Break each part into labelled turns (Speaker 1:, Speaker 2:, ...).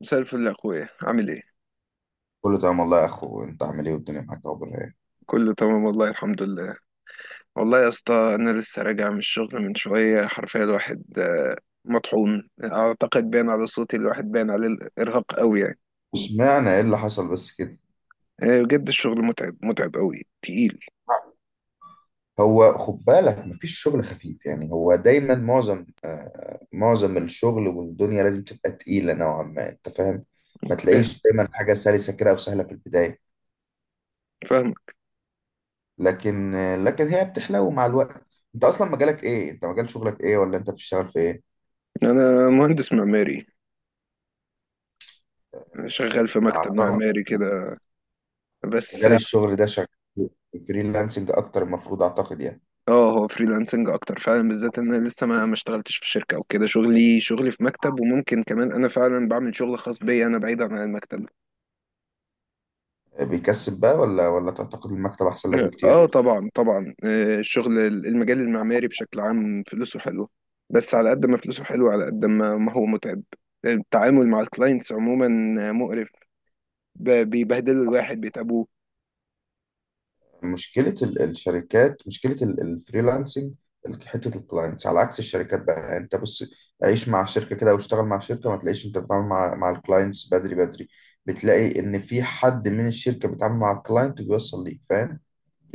Speaker 1: مساء الفل يا اخويا، عامل ايه؟
Speaker 2: كله تمام والله يا اخو، انت عامل ايه؟ والدنيا معاك اخبار ايه؟
Speaker 1: كله تمام والله، الحمد لله. والله يا اسطى، انا لسه راجع من الشغل من شويه، حرفيا الواحد مطحون. اعتقد باين على صوتي، الواحد باين عليه الارهاق قوي يعني.
Speaker 2: وسمعنا ايه اللي حصل بس كده.
Speaker 1: بجد الشغل متعب متعب قوي تقيل.
Speaker 2: هو خد بالك، مفيش شغل خفيف يعني. هو دايما معظم معظم الشغل والدنيا لازم تبقى تقيلة نوعا ما، انت فاهم. ما
Speaker 1: فاهم،
Speaker 2: تلاقيش دايما حاجة سلسة كده او سهلة في البداية.
Speaker 1: فاهم.
Speaker 2: لكن لكن هي بتحلو مع الوقت. انت اصلا مجالك ايه؟ انت مجال شغلك ايه؟ ولا انت بتشتغل في ايه؟
Speaker 1: انا مهندس معماري،
Speaker 2: آه،
Speaker 1: شغال في مكتب
Speaker 2: اعتقد
Speaker 1: معماري كده بس.
Speaker 2: مجال الشغل ده شغال فريلانسنج اكتر المفروض، اعتقد يعني.
Speaker 1: اه، هو فريلانسنج اكتر فعلا، بالذات ان انا لسه ما اشتغلتش في شركه او كده، شغلي في مكتب، وممكن كمان انا فعلا بعمل شغل خاص بيا انا، بعيدا عن المكتب.
Speaker 2: بيكسب بقى ولا تعتقد المكتب احسن لك بكتير؟
Speaker 1: اه طبعا، طبعا، الشغل المجال المعماري بشكل عام فلوسه حلوه. بس على قد ما فلوسه حلوه، على قد ما ما هو متعب. التعامل مع الكلاينتس عموما مقرف. بيبهدلوا الواحد، بيتعبوه.
Speaker 2: مشكله الشركات، مشكله الفريلانسنج، حته الكلاينتس على عكس الشركات بقى. يعني انت بص، عيش مع شركه كده واشتغل مع شركه، ما تلاقيش انت بتتعامل مع الكلاينتس بدري بدري. بتلاقي ان في حد من الشركه بيتعامل مع الكلاينت وبيوصل ليك، فاهم.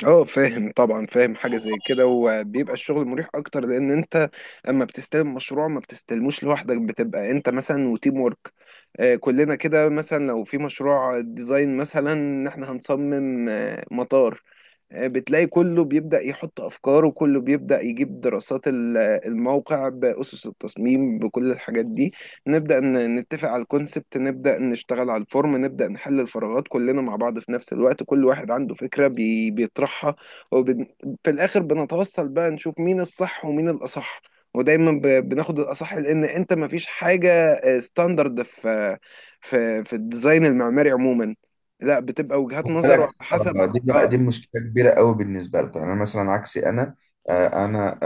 Speaker 1: اه فاهم، طبعا فاهم حاجه زي كده. وبيبقى الشغل مريح اكتر، لان انت اما بتستلم مشروع ما بتستلموش لوحدك، بتبقى انت مثلا وتيم ورك. كلنا كده، مثلا لو في مشروع ديزاين مثلا ان احنا هنصمم مطار، بتلاقي كله بيبدأ يحط أفكاره، كله بيبدأ يجيب دراسات الموقع، بأسس التصميم، بكل الحاجات دي. نبدأ نتفق على الكونسبت، نبدأ نشتغل على الفورم، نبدأ نحل الفراغات كلنا مع بعض في نفس الوقت، كل واحد عنده فكرة بيطرحها. وفي الآخر بنتوصل بقى، نشوف مين الصح ومين الأصح. ودايما بناخد الأصح، لأن أنت مفيش حاجة ستاندرد في في الديزاين المعماري عموما. لا، بتبقى وجهات
Speaker 2: خد
Speaker 1: نظر وعلى
Speaker 2: بالك، آه،
Speaker 1: حسب.
Speaker 2: دي بقى
Speaker 1: اه
Speaker 2: دي مشكله كبيره قوي بالنسبه لكم. يعني انا مثلا عكسي، انا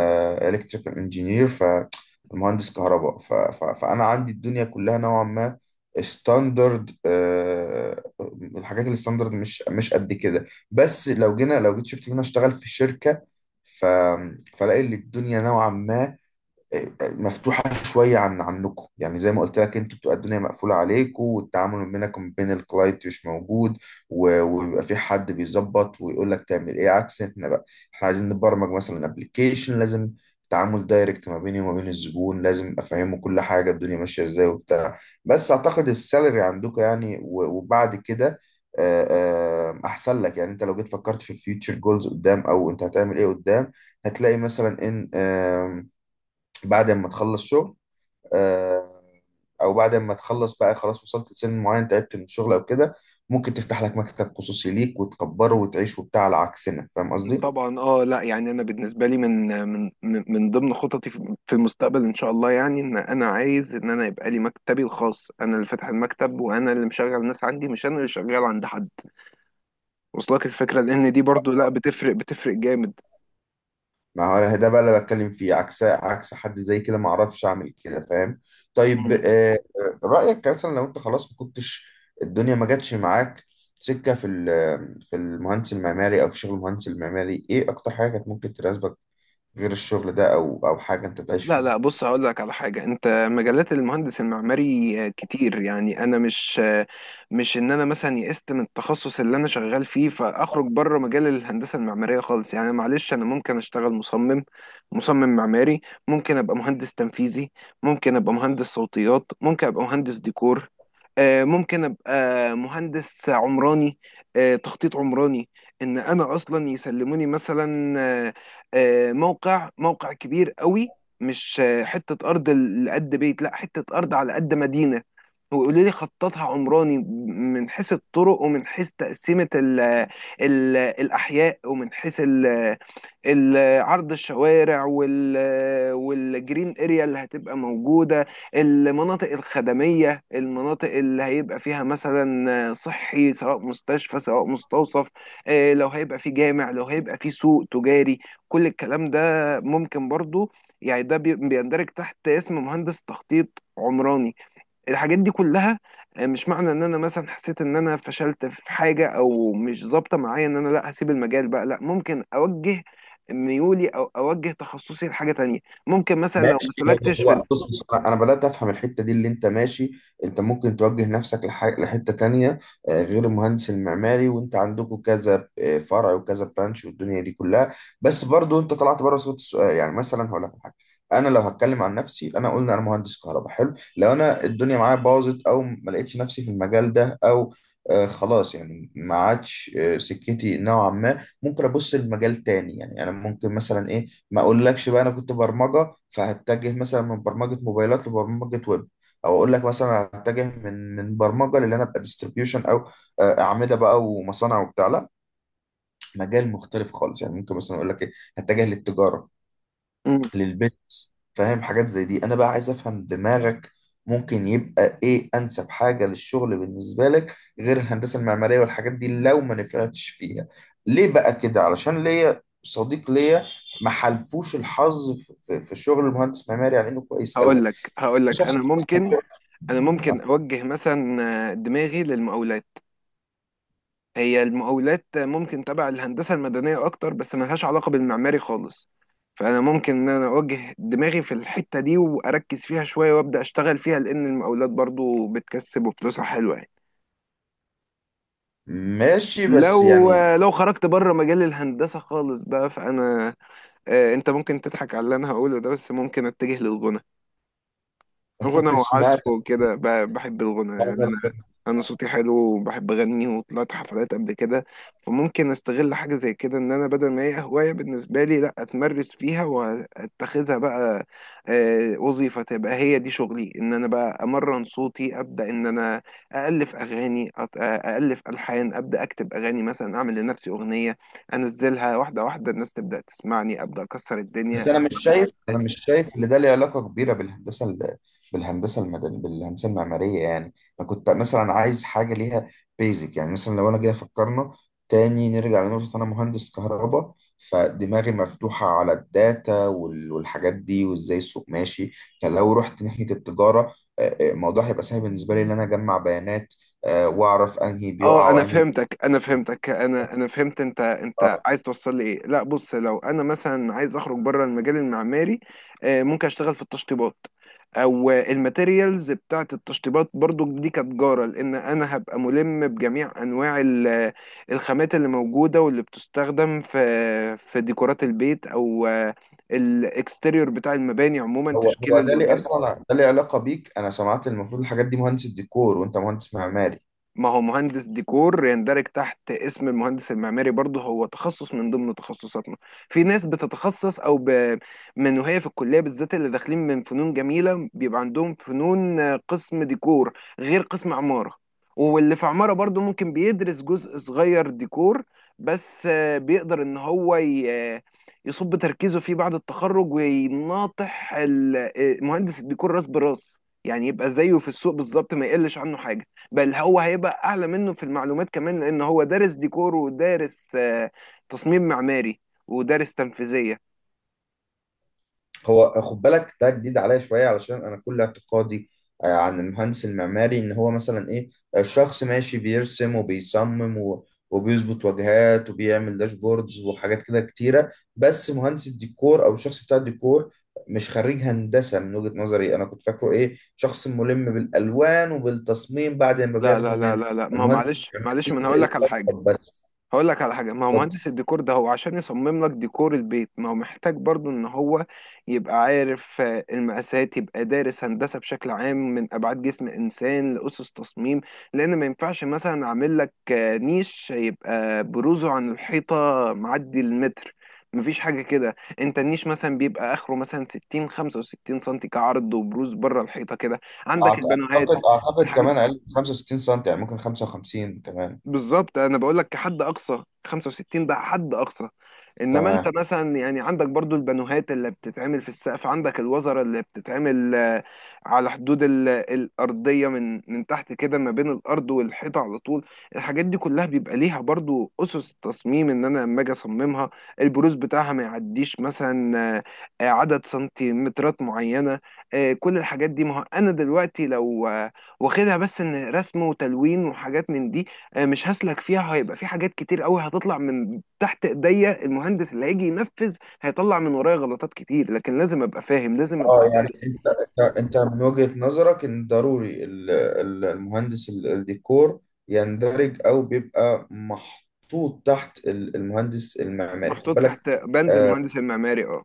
Speaker 2: الكتريكال انجينير، فمهندس كهرباء، فانا عندي الدنيا كلها نوعا ما ستاندرد. الحاجات الستاندرد مش قد كده. بس لو جينا، لو جيت شفت ان انا اشتغل في شركه، ف فلاقي ان الدنيا نوعا ما مفتوحة شوية عن عنكم. يعني زي ما قلت لك، انت بتبقى الدنيا مقفولة عليكم، والتعامل ما بينك وما بين الكلاينت مش موجود، وبيبقى في حد بيظبط ويقول لك تعمل ايه، عكس احنا بقى. احنا عايزين نبرمج مثلا ابلكيشن، لازم تعامل دايركت ما بيني وما بين الزبون، لازم افهمه كل حاجة، الدنيا ماشية ازاي وبتاع. بس اعتقد السالري عندكم، يعني وبعد كده، آه، احسن لك يعني. انت لو جيت فكرت في الفيوتشر جولز قدام، او انت هتعمل ايه قدام، هتلاقي مثلا ان بعد ما تخلص شغل، آه، او بعد ما تخلص بقى خلاص، وصلت لسن معين، تعبت من الشغل او كده، ممكن تفتح لك مكتب خصوصي ليك وتكبره وتعيش وبتاع، على عكسنا، فاهم قصدي.
Speaker 1: طبعا. اه لا، يعني انا بالنسبه لي من ضمن خططي في المستقبل ان شاء الله، يعني ان انا عايز ان انا يبقى لي مكتبي الخاص، انا اللي فاتح المكتب وانا اللي مشغل ناس عندي، مش انا اللي شغال عند حد. وصلك الفكره؟ لان دي برضو، لا، بتفرق بتفرق جامد.
Speaker 2: ما هو ده بقى اللي بتكلم فيه، عكس حد زي كده ما اعرفش اعمل كده، فاهم. طيب، رأيك مثلا لو انت خلاص ما كنتش الدنيا ما جاتش معاك سكة في في المهندس المعماري، او في شغل المهندس المعماري، ايه اكتر حاجة كانت ممكن تناسبك غير الشغل ده، او او حاجة انت تعيش
Speaker 1: لا،
Speaker 2: فيها؟
Speaker 1: لا، بص، هقول لك على حاجة. انت، مجالات المهندس المعماري كتير، يعني انا مش ان انا مثلا يئست من التخصص اللي انا شغال فيه فاخرج بره مجال الهندسة المعمارية خالص، يعني معلش، انا ممكن اشتغل مصمم معماري، ممكن ابقى مهندس تنفيذي، ممكن ابقى مهندس صوتيات، ممكن ابقى مهندس ديكور، ممكن ابقى مهندس عمراني، تخطيط عمراني. ان انا اصلا يسلموني مثلا موقع موقع كبير قوي، مش حتة أرض لقد بيت، لا، حتة أرض على قد مدينة، ويقولوا لي خططها عمراني، من حيث الطرق، ومن حيث تقسيمة ال ال الأحياء، ومن حيث عرض الشوارع والجرين اريا اللي هتبقى موجودة، المناطق الخدمية، المناطق اللي هيبقى فيها مثلا صحي، سواء مستشفى سواء مستوصف، لو هيبقى في جامع، لو هيبقى في سوق تجاري، كل الكلام ده ممكن برضو، يعني ده بيندرج تحت اسم مهندس تخطيط عمراني، الحاجات دي كلها. مش معنى ان انا مثلا حسيت ان انا فشلت في حاجة او مش ظابطة معايا، ان انا لا هسيب المجال بقى. لا، ممكن اوجه ميولي او اوجه تخصصي لحاجة تانية، ممكن مثلا لو
Speaker 2: ماشي،
Speaker 1: ما
Speaker 2: هو
Speaker 1: سلكتش في
Speaker 2: هو بص بص، انا بدات افهم الحته دي اللي انت ماشي. انت ممكن توجه نفسك لحته تانية آه، غير المهندس المعماري. وانت عندكم كذا آه، فرع وكذا برانش والدنيا دي كلها. بس برضو انت طلعت بره صوت السؤال. يعني مثلا هقول لك على حاجه، انا لو هتكلم عن نفسي، انا قلنا انا مهندس كهرباء، حلو. لو انا الدنيا معايا باظت او ما لقيتش نفسي في المجال ده، او خلاص يعني ما عادش سكتي نوعا ما، ممكن ابص لمجال تاني. يعني انا ممكن مثلا ايه، ما اقولكش بقى، انا كنت برمجه، فهتجه مثلا من برمجه موبايلات لبرمجه ويب. او اقول لك مثلا هتجه من برمجه، للي انا ابقى ديستريبيوشن، او آه، اعمده بقى ومصانع وبتاع. لا، مجال مختلف خالص. يعني ممكن مثلا اقول لك ايه، هتجه للتجاره،
Speaker 1: مم.
Speaker 2: للبيزنس، فاهم. حاجات زي دي انا بقى عايز افهم دماغك. ممكن يبقى ايه انسب حاجه للشغل بالنسبه لك غير الهندسه المعماريه والحاجات دي لو ما نفعتش فيها؟ ليه بقى كده؟ علشان ليا صديق ليا ما حلفوش الحظ في في شغل المهندس المعماري على انه كويس
Speaker 1: هقول
Speaker 2: قوي.
Speaker 1: لك
Speaker 2: شخص
Speaker 1: انا ممكن انا ممكن اوجه مثلا دماغي للمقاولات. هي المقاولات ممكن تبع الهندسة المدنية أكتر، بس ملهاش علاقة بالمعماري خالص. فأنا ممكن إن أنا أوجه دماغي في الحتة دي وأركز فيها شوية وأبدأ أشتغل فيها، لأن المقاولات برضو بتكسب وفلوسها حلوة يعني.
Speaker 2: ماشي. بس يعني
Speaker 1: لو خرجت بره مجال الهندسة خالص بقى، فأنا أنت ممكن تضحك على اللي أنا هقوله ده، بس ممكن أتجه للغنى. غنى
Speaker 2: اشمعنى؟
Speaker 1: وعزف وكده، بحب الغنى يعني انا صوتي حلو وبحب اغني وطلعت حفلات قبل كده، فممكن استغل حاجه زي كده، ان انا بدل ما هي هوايه بالنسبه لي، لا اتمرس فيها واتخذها بقى وظيفه، تبقى هي دي شغلي. ان انا بقى امرن صوتي، ابدا ان انا الف اغاني، الف الحان، ابدا اكتب اغاني مثلا، اعمل لنفسي اغنيه، انزلها واحده واحده، الناس تبدا تسمعني، ابدا اكسر الدنيا،
Speaker 2: بس
Speaker 1: أبدأ
Speaker 2: انا مش شايف،
Speaker 1: أعمل.
Speaker 2: ان ده ليه علاقه كبيره بالهندسه بالهندسه المدنيه، بالهندسه المعماريه يعني. انا كنت مثلا عايز حاجه ليها بيزك. يعني مثلا لو انا جاي فكرنا تاني، نرجع لنقطه انا مهندس كهرباء، فدماغي مفتوحه على الداتا والحاجات دي، وازاي السوق ماشي. فلو رحت ناحيه التجاره، الموضوع هيبقى سهل بالنسبه لي، ان انا اجمع بيانات آه، واعرف انهي بيقع
Speaker 1: اه انا
Speaker 2: وانهي.
Speaker 1: فهمتك، انا فهمت، انت عايز توصل لي ايه. لا، بص، لو انا مثلا عايز اخرج بره المجال المعماري، ممكن اشتغل في التشطيبات او الماتيريالز بتاعه التشطيبات، برضو دي كتجاره، لان انا هبقى ملم بجميع انواع الخامات اللي موجوده واللي بتستخدم في ديكورات البيت، او الاكستيريور بتاع المباني عموما،
Speaker 2: هو
Speaker 1: تشكيل
Speaker 2: هو ده ليه
Speaker 1: الواجهات.
Speaker 2: اصلا؟ ده ليه علاقه بيك؟ انا سمعت المفروض الحاجات دي مهندس الديكور، وانت مهندس معماري.
Speaker 1: ما هو مهندس ديكور يندرج تحت اسم المهندس المعماري برضه، هو تخصص من ضمن تخصصاتنا. في ناس بتتخصص او من وهي في الكليه، بالذات اللي داخلين من فنون جميله، بيبقى عندهم فنون قسم ديكور غير قسم عماره. واللي في عماره برضه ممكن بيدرس جزء صغير ديكور، بس بيقدر ان هو ي... آه، يصب تركيزه فيه بعد التخرج، ويناطح مهندس الديكور راس براس، يعني يبقى زيه في السوق بالظبط، ما يقلش عنه حاجه، بل هو هيبقى اعلى منه في المعلومات كمان، لان هو دارس ديكور ودارس تصميم معماري، ودارس تنفيذيه.
Speaker 2: هو خد بالك، ده جديد عليا شويه. علشان انا كل اعتقادي آه، عن المهندس المعماري ان هو مثلا ايه، الشخص ماشي بيرسم وبيصمم وبيظبط واجهات وبيعمل داشبوردز وحاجات كده كتيره. بس مهندس الديكور او الشخص بتاع الديكور، مش خريج هندسه من وجهه نظري. انا كنت فاكره ايه، شخص ملم بالالوان وبالتصميم، بعد ما
Speaker 1: لا، لا،
Speaker 2: بياخده
Speaker 1: لا،
Speaker 2: من
Speaker 1: لا، لا، ما هو
Speaker 2: المهندس
Speaker 1: معلش،
Speaker 2: المعماري
Speaker 1: معلش، ما انا
Speaker 2: يبدأ يخطط.
Speaker 1: هقول لك على حاجة. ما هو
Speaker 2: اتفضل.
Speaker 1: مهندس الديكور ده، هو عشان يصمم لك ديكور البيت، ما هو محتاج برضو ان هو يبقى عارف المقاسات، يبقى دارس هندسة بشكل عام، من ابعاد جسم انسان لأسس تصميم، لان ما ينفعش مثلا اعمل لك نيش يبقى بروزه عن الحيطة معدي المتر. مفيش حاجة كده. انت النيش مثلا بيبقى اخره مثلا 60 65 سنتي كعرض، وبروز بره الحيطة كده. عندك البانوهات،
Speaker 2: اعتقد، اعتقد
Speaker 1: الحاجات.
Speaker 2: كمان اقل من 65 سم، يعني ممكن 55 كمان.
Speaker 1: بالظبط، انا بقول لك كحد اقصى 65، ده حد اقصى. انما انت
Speaker 2: تمام.
Speaker 1: مثلا يعني عندك برضو البانوهات اللي بتتعمل في السقف، عندك الوزره اللي بتتعمل على حدود الارضيه، من تحت كده، ما بين الارض والحيطه على طول. الحاجات دي كلها بيبقى ليها برضو اسس تصميم، ان انا لما اجي اصممها، البروز بتاعها ما يعديش مثلا عدد سنتيمترات معينه. كل الحاجات دي، ما هو انا دلوقتي لو واخدها بس ان رسم وتلوين وحاجات من دي، مش هسلك فيها، هيبقى في حاجات كتير قوي هتطلع من تحت ايديا، المهندس اللي هيجي ينفذ هيطلع من ورايا غلطات كتير، لكن لازم ابقى فاهم، لازم ابقى
Speaker 2: اه يعني
Speaker 1: دارس.
Speaker 2: انت، انت من وجهة نظرك ان ضروري المهندس الديكور يندرج او بيبقى محطوط تحت المهندس المعماري، خد
Speaker 1: محطوط
Speaker 2: بالك.
Speaker 1: تحت بند
Speaker 2: آه،
Speaker 1: المهندس المعماري، اه.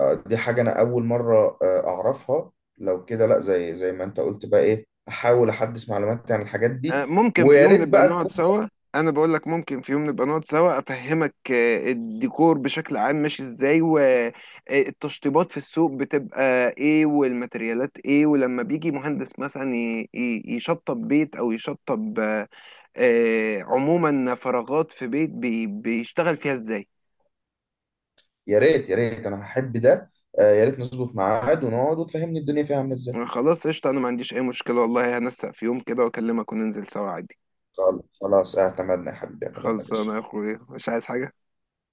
Speaker 2: آه، دي حاجة انا اول مرة آه، اعرفها. لو كده لا، زي ما انت قلت بقى ايه، احاول احدث معلوماتي عن الحاجات دي.
Speaker 1: ممكن في
Speaker 2: ويا
Speaker 1: يوم
Speaker 2: ريت
Speaker 1: نبقى
Speaker 2: بقى.
Speaker 1: نقعد سوا. انا بقول لك ممكن في يوم نبقى نقعد سوا، افهمك الديكور بشكل عام ماشي ازاي، والتشطيبات في السوق بتبقى ايه، والماتريالات ايه، ولما بيجي مهندس مثلا يشطب بيت، او يشطب عموما فراغات في بيت بيشتغل فيها ازاي.
Speaker 2: يا ريت، انا هحب ده. آه، يا ريت نظبط ميعاد ونقعد وتفهمني الدنيا فيها عامله ازاي.
Speaker 1: خلاص، قشطة، انا ما عنديش اي مشكلة والله، هنسق في يوم كده واكلمك وننزل سوا عادي.
Speaker 2: خلاص، اعتمدنا يا حبيبي، اعتمدنا يا
Speaker 1: خلصانة
Speaker 2: باشا.
Speaker 1: يا اخويا، مش عايز حاجة.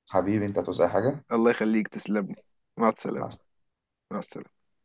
Speaker 2: حبيبي انت، هتعوز اي حاجه؟
Speaker 1: الله يخليك، تسلمني. مع السلامة.
Speaker 2: مع
Speaker 1: مع السلامة.